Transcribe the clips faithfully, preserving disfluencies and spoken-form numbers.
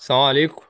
السلام عليكم.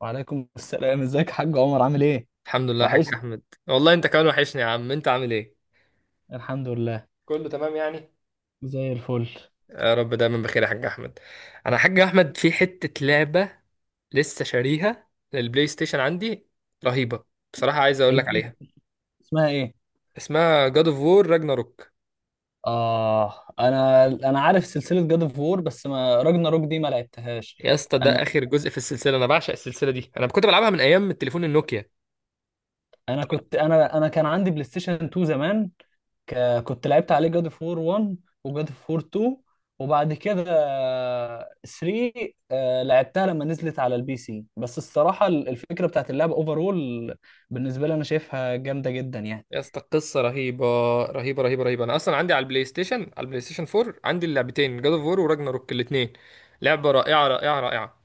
وعليكم السلام، ازيك يا حاج عمر؟ عامل ايه؟ الحمد لله يا حاج وحشني. احمد. والله انت كمان وحشني يا عم، انت عامل ايه؟ الحمد لله. كله تمام يعني. زي الفل. يا رب دايما بخير يا حاج احمد. انا يا حاج احمد في حتة لعبة لسه شاريها للبلاي ستيشن عندي، رهيبة بصراحة، عايز اقول لك الدنيا. عليها. اسمها ايه؟ اسمها جاد اوف وور راجناروك. اه، انا انا عارف سلسله جاد اوف وور، بس ما راجنا روك دي ما لعبتهاش. يا اسطى ده انا. اخر جزء في السلسلة، انا بعشق السلسلة دي، انا كنت بلعبها من ايام التليفون النوكيا. انا كنت بلعب- كنت انا انا كان عندي بلاي ستيشن اتنين زمان. ك... كنت لعبت عليه جاد اوف وور واحد، وجاد اوف وور اتنين، وبعد كده تلاتة. آه، لعبتها لما نزلت على البي سي، بس الصراحه الفكره بتاعت اللعبه اوفرول بالنسبه لي انا شايفها جامده جدا يعني. يا اسطى قصة رهيبة رهيبة رهيبة رهيبة. انا اصلا عندي على البلاي ستيشن على البلاي ستيشن فور، عندي اللعبتين جاد اوف وور وراجناروك الاتنين. لعبة رائعة رائعة رائعة.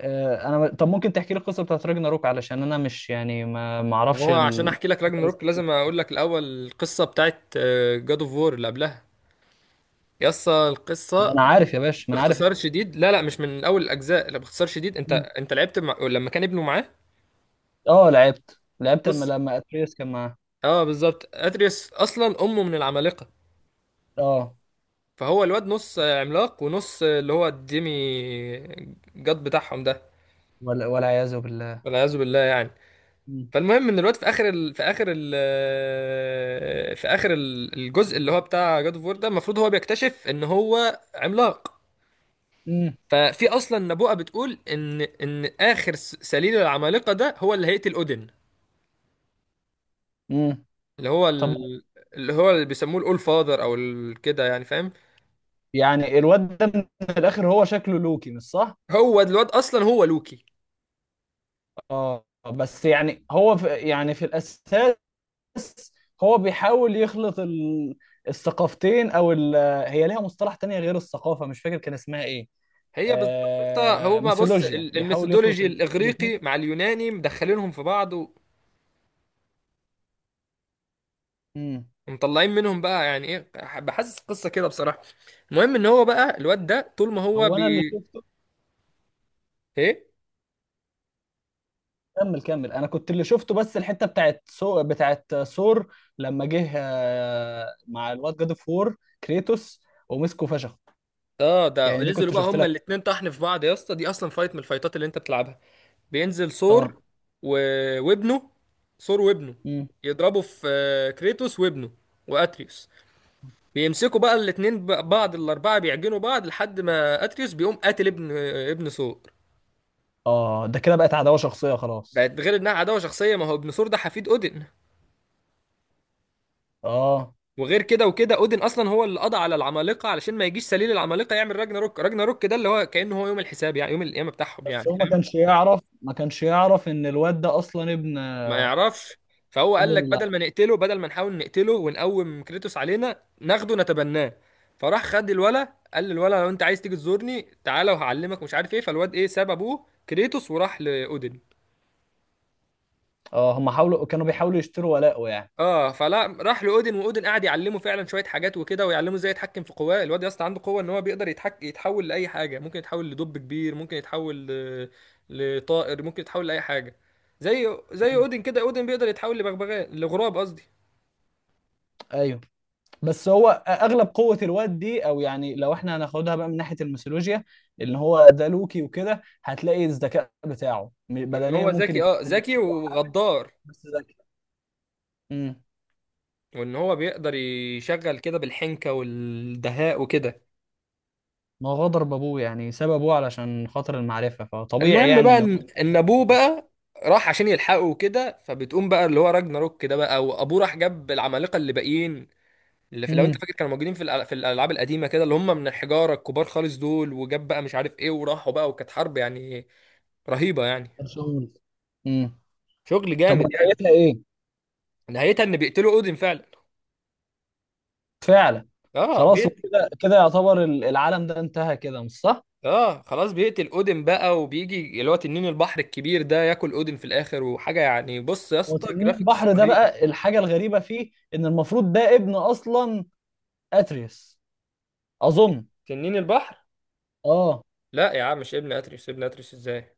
آه، انا طب ممكن تحكي لي القصه بتاعت راجناروك؟ علشان انا مش يعني ما ما ما اعرفش هو عشان ال... احكي لك راجناروك لازم اقول لك الاول القصه بتاعت جاد اوف وور اللي قبلها. يسا ما القصه. انا عارف يا باشا، ما انا عارف. باختصار شديد، لا لا مش من اول الاجزاء، لا باختصار شديد، انت مم. انت لعبت مع... لما كان ابنه معاه. اه، لعبت لعبت لما بص، لما اتريس كان معاه. اه بالظبط، ادريس اصلا امه من العمالقه، اه، فهو الواد نص عملاق ونص اللي هو الديمي جاد بتاعهم ده، ولا والعياذ بالله. والعياذ بالله يعني. مم. فالمهم ان الواد في اخر ال... في اخر ال... في اخر ال- الجزء اللي هو بتاع جاد اوف وور ده، المفروض هو بيكتشف ان هو عملاق. مم. ففي اصلا نبوءه بتقول ان ان اخر س- سليل العمالقه ده هو اللي هيقتل اودن، مم. اللي هو طب، ال... اللي هو اللي بيسموه الاول فاذر او ال... كده، يعني فاهم. يعني الواد ده من الاخر هو شكله لوكي، مش صح؟ هو الواد اصلا هو لوكي. اه، بس يعني هو في يعني في الاساس هو بيحاول يخلط ال... الثقافتين، او ال... هي ليها مصطلح تاني غير الثقافه، مش فاكر كان اسمها ايه. هي بالظبط. قصة- هو آه، ما بص ميثولوجيا. ال- بيحاول يخلط الميثودولوجي الاثنين. الاغريقي مع اليوناني مدخلينهم في بعض و- امم. ومطلعين منهم بقى يعني ايه. بحسس قصه كده بصراحه. المهم ان هو بقى الواد ده طول ما هو هو بي. انا اللي شفته. ايه؟ كمل كمل، انا كنت اللي شفته، بس الحته بتاعت سو بتاعت ثور لما جه، آه، مع الواد جاد اوف وور كريتوس، ومسكه فشخ. اه ده يعني دي نزلوا كنت بقى شفت هما لها. الاتنين طحن في بعض، يا اسطى دي اصلا فايت من الفايتات اللي انت بتلعبها. بينزل اه. ثور و... وابنه، ثور وابنه، امم. يضربوا في آه، كريتوس وابنه واتريوس. بيمسكوا بقى الاتنين ب- بعض، الاربعه بيعجنوا بعض لحد ما اتريوس بيقوم قاتل ابن آه، ابن ثور. اه، ده كده بقت عداوه شخصيه خلاص. بقت غير انها عداوه شخصيه، ما هو ابن ثور ده حفيد اودن. اه، وغير كده وكده اودن اصلا هو اللي قضى على العمالقه علشان ما يجيش سليل العمالقه يعمل راجنا روك. راجنا روك ده اللي هو كانه هو يوم الحساب يعني، يوم القيامه بتاعهم بس يعني. هو ما كانش يعرف، ما كانش يعرف ان الواد ده اصلا ابن، ما آه، يعرفش. فهو ابن قال لك ال- بدل ما نقتله، بدل ما نحاول نقتله ونقوم كريتوس علينا، ناخده نتبناه. فراح خد الولا، قال للولا لو انت عايز تيجي تزورني تعالى وهعلمك مش عارف ايه. فالواد ايه، ساب ابوه كريتوس وراح لاودن. اه، هم حاولوا، كانوا بيحاولوا يشتروا ولاءه يعني. اه فلا راح لاودن واودن قعد يعلمه فعلا شويه حاجات وكده، ويعلمه ازاي يتحكم في قواه. الواد يا اسطى عنده قوه ان هو بيقدر يتحك... يتحول لاي حاجه، ممكن يتحول لدب كبير، ممكن يتحول ل... لطائر، ممكن يتحول لاي حاجه. زي زي مم. اودن كده، اودن بيقدر يتحول لبغبغاء، لغراب قصدي. ايوه. بس هو اغلب قوه الواد دي، او يعني لو احنا هناخدها بقى من ناحيه الميثولوجيا، اللي هو ده لوكي وكده، هتلاقي الذكاء بتاعه م- وان بدنيا هو ممكن ذكي، يكون اه مش ذكي أقوى حاجه. وغدار، بس ذكي. امم. وان هو بيقدر يشغل كده بالحنكة والدهاء وكده. ما هو غدر بابوه، يعني ساب ابوه علشان خاطر المعرفه، فطبيعي المهم يعني بقى ان هو. ان إن ابوه بقى راح عشان يلحقه وكده، فبتقوم بقى اللي هو راجناروك كده بقى. وابوه راح جاب العمالقة اللي باقيين، اللي في لو انت امم. فاكر كانوا موجودين في الأل- في الالعاب القديمة كده، اللي هم من الحجارة الكبار خالص دول، وجاب بقى مش عارف ايه، وراحوا بقى، وكانت حرب يعني، رهيبة يعني، برشلونة. امم. شغل طب، جامد يعني. ونهايتها ايه؟ نهايتها ان بيقتلوا اودين فعلا. فعلا. اه. خلاص، وكده كده يعتبر ال- العالم ده انتهى كده، مش صح؟ اه خلاص بيقتل اودن بقى، وبيجي اللي هو تنين البحر الكبير ده ياكل اودن في الاخر وحاجه يعني. بص يا هو اسطى، تنين جرافيكس البحر ده رهيبه. بقى الحاجه الغريبه فيه، ان المفروض ده ابن اصلا اتريس، اظن. تنين البحر؟ اه. لا يا عم مش ابن اتريس، ابن اتريس ازاي؟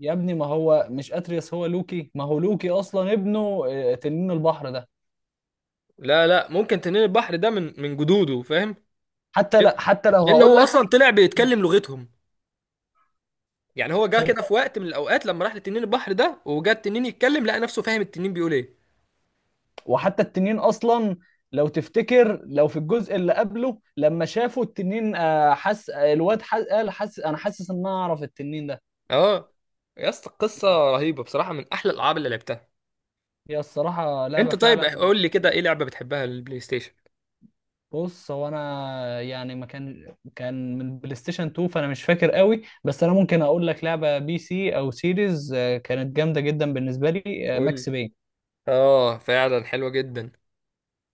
يا ابني، ما هو مش اتريس، هو لوكي، ما هو لوكي اصلا ابنه، آه، تنين البحر ده. لا لا، ممكن تنين البحر ده من من جدوده، فاهم. حتى لان، لا، حتى لو لأن هقول هو لك، اصلا طلع بيتكلم لغتهم. يعني هو جه صدق. كده في وقت من الاوقات لما راح لتنين البحر ده، وجا التنين يتكلم لقى نفسه فاهم التنين بيقول ايه. وحتى التنين اصلا، لو تفتكر، لو في الجزء اللي قبله لما شافوا التنين، آه، حس، آه، الواد حس، قال حس انا حاسس ان انا اعرف التنين ده. اه. يا اسطى القصه رهيبه بصراحه، من احلى الالعاب اللي لعبتها. هي الصراحة لعبة انت طيب فعلا. قول لي كده ايه لعبه بتحبها للبلاي ستيشن؟ بص، هو انا يعني ما كان كان من بلاي ستيشن اتنين، فانا مش فاكر قوي، بس انا ممكن اقول لك لعبه بي سي او سيريز، آه، كانت جامده جدا بالنسبه لي، آه، قول لي. ماكس بين. اه فعلا حلوة جدا.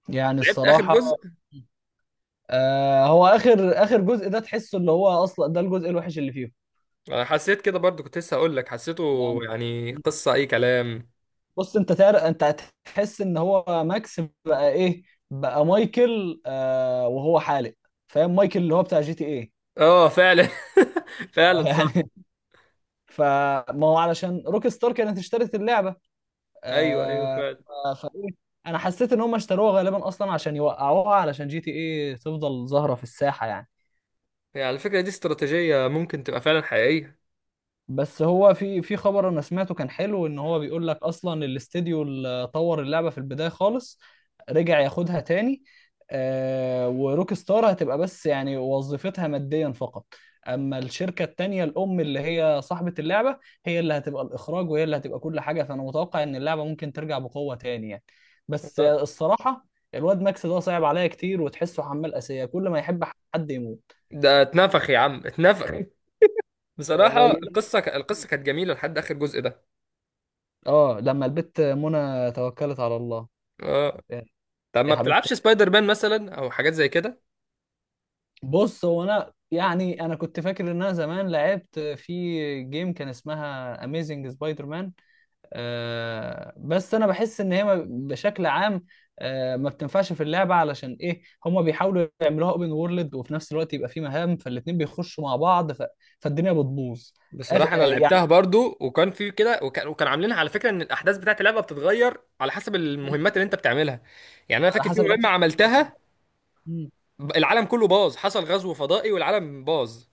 يعني لعبت اخر الصراحه، جزء. آه، هو اخر اخر جزء ده تحسه اللي هو اصلا ده الجزء الوحش اللي فيه، انا حسيت كده برضو، كنت لسه هقول لك حسيته. يعني. يعني قصة اي كلام. بص، انت تار... انت هتحس ان هو ماكس بقى ايه؟ بقى مايكل، آه وهو حالق. فاهم؟ مايكل اللي هو بتاع جي تي ايه. اه فعلا. فعلا صح. يعني فما هو علشان روك ستار كانت اشترت اللعبه. ايوه ايوه آه. فعلا. فايه؟ انا حسيت ان هم اشتروها غالبا اصلا عشان يوقعوها، علشان جي تي ايه تفضل ظاهره في الساحه يعني. يعني على فكرة دي استراتيجية ممكن تبقى فعلا حقيقية. بس هو في في خبر انا سمعته كان حلو، ان هو بيقول لك اصلا الاستديو اللي طور اللعبه في البدايه خالص رجع ياخدها تاني. آه. وروك ستار هتبقى بس يعني وظيفتها ماديا فقط، اما الشركه التانيه الام اللي هي صاحبه اللعبه هي اللي هتبقى الاخراج، وهي اللي هتبقى كل حاجه. فانا متوقع ان اللعبه ممكن ترجع بقوه تاني يعني. بس آه. آه، الصراحه الواد ماكس ده صعب عليا كتير، وتحسه حمال اسيه، كل ما يحب حد يموت. ده اتنفخ يا عم، اتنفخ. اه. بصراحة القصة ك... القصة كانت جميلة لحد اخر جزء ده. آه، لما البت منى توكلت على الله، اه. طب يا ما حبيبتي. بتلعبش سبايدر مان مثلا او حاجات زي كده؟ بص، هو انا يعني انا كنت فاكر ان انا زمان لعبت في جيم كان اسمها اميزنج سبايدر مان. آه، بس انا بحس ان هي ما- بشكل عام، آه ما بتنفعش في اللعبه. علشان ايه؟ هما بيحاولوا يعملوها اوبن وورلد وفي نفس الوقت يبقى في مهام، فالاتنين بيخشوا مع بعض، ف... فالدنيا بتبوظ. أخ... آه بصراحة أنا يعني لعبتها برضو، وكان في كده، وكان وكان عاملينها على فكرة إن الأحداث بتاعت اللعبة بتتغير على حسب المهمات اللي أنت بتعملها. يعني أنا على فاكر في حسب مهمة الاكشن اللي انت بتعمله. عملتها، مم. ب- العالم كله باظ، حصل غزو فضائي والعالم باظ.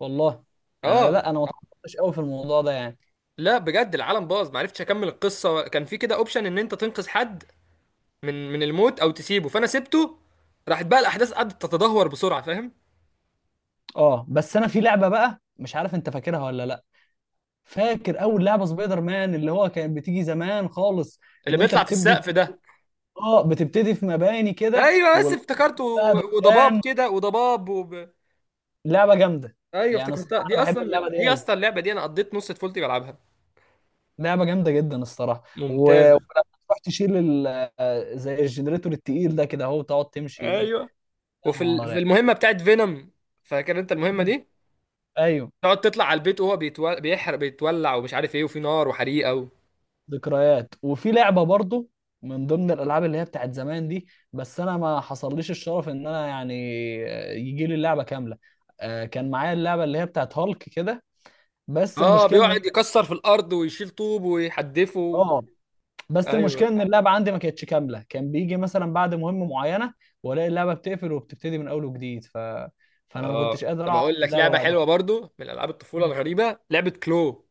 والله. انا، آه. لا، انا ما اتعمقتش قوي في الموضوع ده يعني. لا بجد العالم باظ، معرفتش أكمل القصة. كان في كده أوبشن إن أنت تنقذ حد من من الموت أو تسيبه، فأنا سبته. راحت بقى الأحداث قعدت تتدهور بسرعة، فاهم. اه، بس انا في لعبه بقى مش عارف انت فاكرها ولا لا. فاكر اول لعبه سبايدر مان اللي هو كانت بتيجي زمان خالص، اللي اللي انت بيطلع في بتبدي في... السقف ده؟ اه، بتبتدي في مباني كده، أيوه بس والارض افتكرته، كلها و- وضباب دخان. كده وضباب. لعبه جامده. ايوه يعني افتكرتها، الصراحه دي انا بحب اصلا اللعبه دي دي قوي، اصلا اللعبه دي انا قضيت نص طفولتي بلعبها. لعبه جامده جدا الصراحه. و... ولما ممتازة. تروح تشيل ال... آه، زي الجنريتور التقيل ده كده، اهو تقعد تمشي يا ايوه. وفي ال- نهار في يعني. المهمه بتاعت فينوم، فاكر انت المهمه دي؟ ايوه. تقعد تطلع على البيت وهو بيتول... بيحرق، بيتولع ومش عارف ايه، وفي نار وحريقه و... ذكريات. وفي لعبه برضو من ضمن الالعاب اللي هي بتاعت زمان دي، بس انا ما حصلليش الشرف ان انا يعني، آه، يجي لي اللعبه كامله. آه، كان معايا اللعبه اللي هي بتاعت هالك كده، بس اه المشكله ان، بيقعد يكسر في الارض ويشيل طوب ويحدفه. اه، بس ايوه. المشكله ان اللعبه عندي ما كانتش كامله، كان بيجي مثلا بعد مهمه معينه والاقي اللعبه بتقفل وبتبتدي من اول وجديد، ف... فانا ما اه. كنتش قادر طب اعرف اقول لك اللعبه لعبه بعد حلوه كده. برضو، من العاب الطفوله الغريبه، لعبه كلو.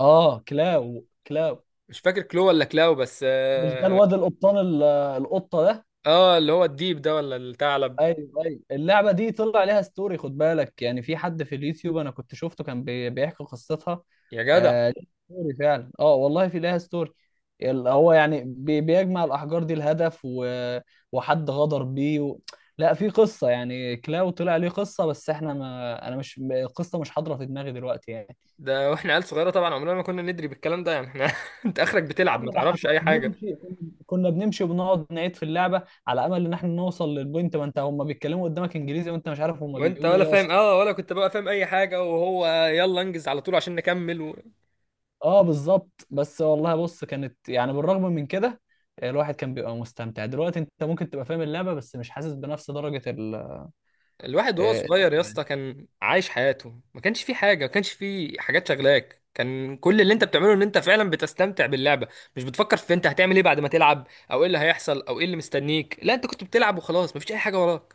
اه. كلاو كلاو. مش فاكر كلو ولا كلاو، بس مش ده اه، الواد القبطان ال- القطه ده. آه، اللي هو الديب ده ولا الثعلب. ايوه. ايوه، اللعبه دي طلع عليها ستوري، خد بالك. يعني في حد في اليوتيوب انا كنت شفته كان بي- بيحكي قصتها. يا جدع، آه ليها ستوري فعلا. اه والله، في لها ستوري. ال- هو يعني بي- بيجمع الاحجار دي الهدف، و... وحد غدر بيه، و... لا، في قصه يعني، كلاو طلع ليه قصه، بس احنا، ما انا مش، القصه مش حاضره في دماغي دلوقتي يعني. ده واحنا عيال صغيره طبعا عمرنا ما كنا ندري بالكلام ده يعني، احنا انت اخرك يا بتلعب عم، ما ده احنا تعرفش كنا اي حاجه. بنمشي، كنا كنا بنمشي وبنقعد نعيد في اللعبه على امل ان احنا نوصل للبوينت، ما انت هم بيتكلموا قدامك انجليزي وانت مش عارف هم وانت بيقولوا ولا ايه فاهم، اصلا. اه ولا كنت بقى فاهم اي حاجه، وهو يلا انجز على طول عشان نكمل و... اه، بالظبط. بس والله، بص، كانت يعني بالرغم من كده آه، الواحد كان بيبقى مستمتع. دلوقتي انت ممكن تبقى فاهم اللعبة بس مش حاسس بنفس درجة ال. الواحد وهو آه، صغير يا اسطى كان عايش حياته، ما كانش فيه حاجه، ما كانش فيه حاجات شغلاك، كان كل اللي انت بتعمله ان انت فعلا بتستمتع باللعبه. مش بتفكر في انت هتعمل ايه بعد ما تلعب، او ايه اللي هيحصل، او ايه اللي مستنيك، لا انت كنت بتلعب وخلاص، مفيش اي حاجه وراك.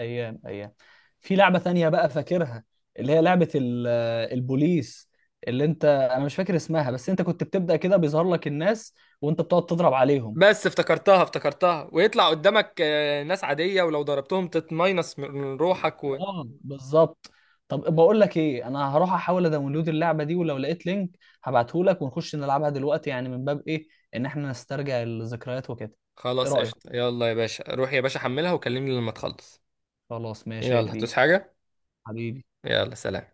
ايام ايام. في لعبة تانية بقى فاكرها، اللي هي لعبة ال- آه، البوليس، اللي انت انا مش فاكر اسمها، بس انت كنت بتبدأ كده بيظهر لك الناس، وانت بتقعد تضرب عليهم. بس افتكرتها افتكرتها ويطلع قدامك آه، ناس عادية، ولو ضربتهم تتماينص من من روحك. اه، بالظبط. طب، بقول لك ايه، انا هروح احاول ادونلود اللعبه دي، ولو لقيت لينك هبعته لك، ونخش نلعبها دلوقتي يعني من باب ايه؟ ان احنا نسترجع الذكريات وكده. ايه خلاص رايك؟ قشطة، يلا يا باشا روح يا باشا حملها وكلمني لما تخلص. خلاص، ماشي يا يلا كبير. هتوس حاجة. حبيبي. يلا سلام.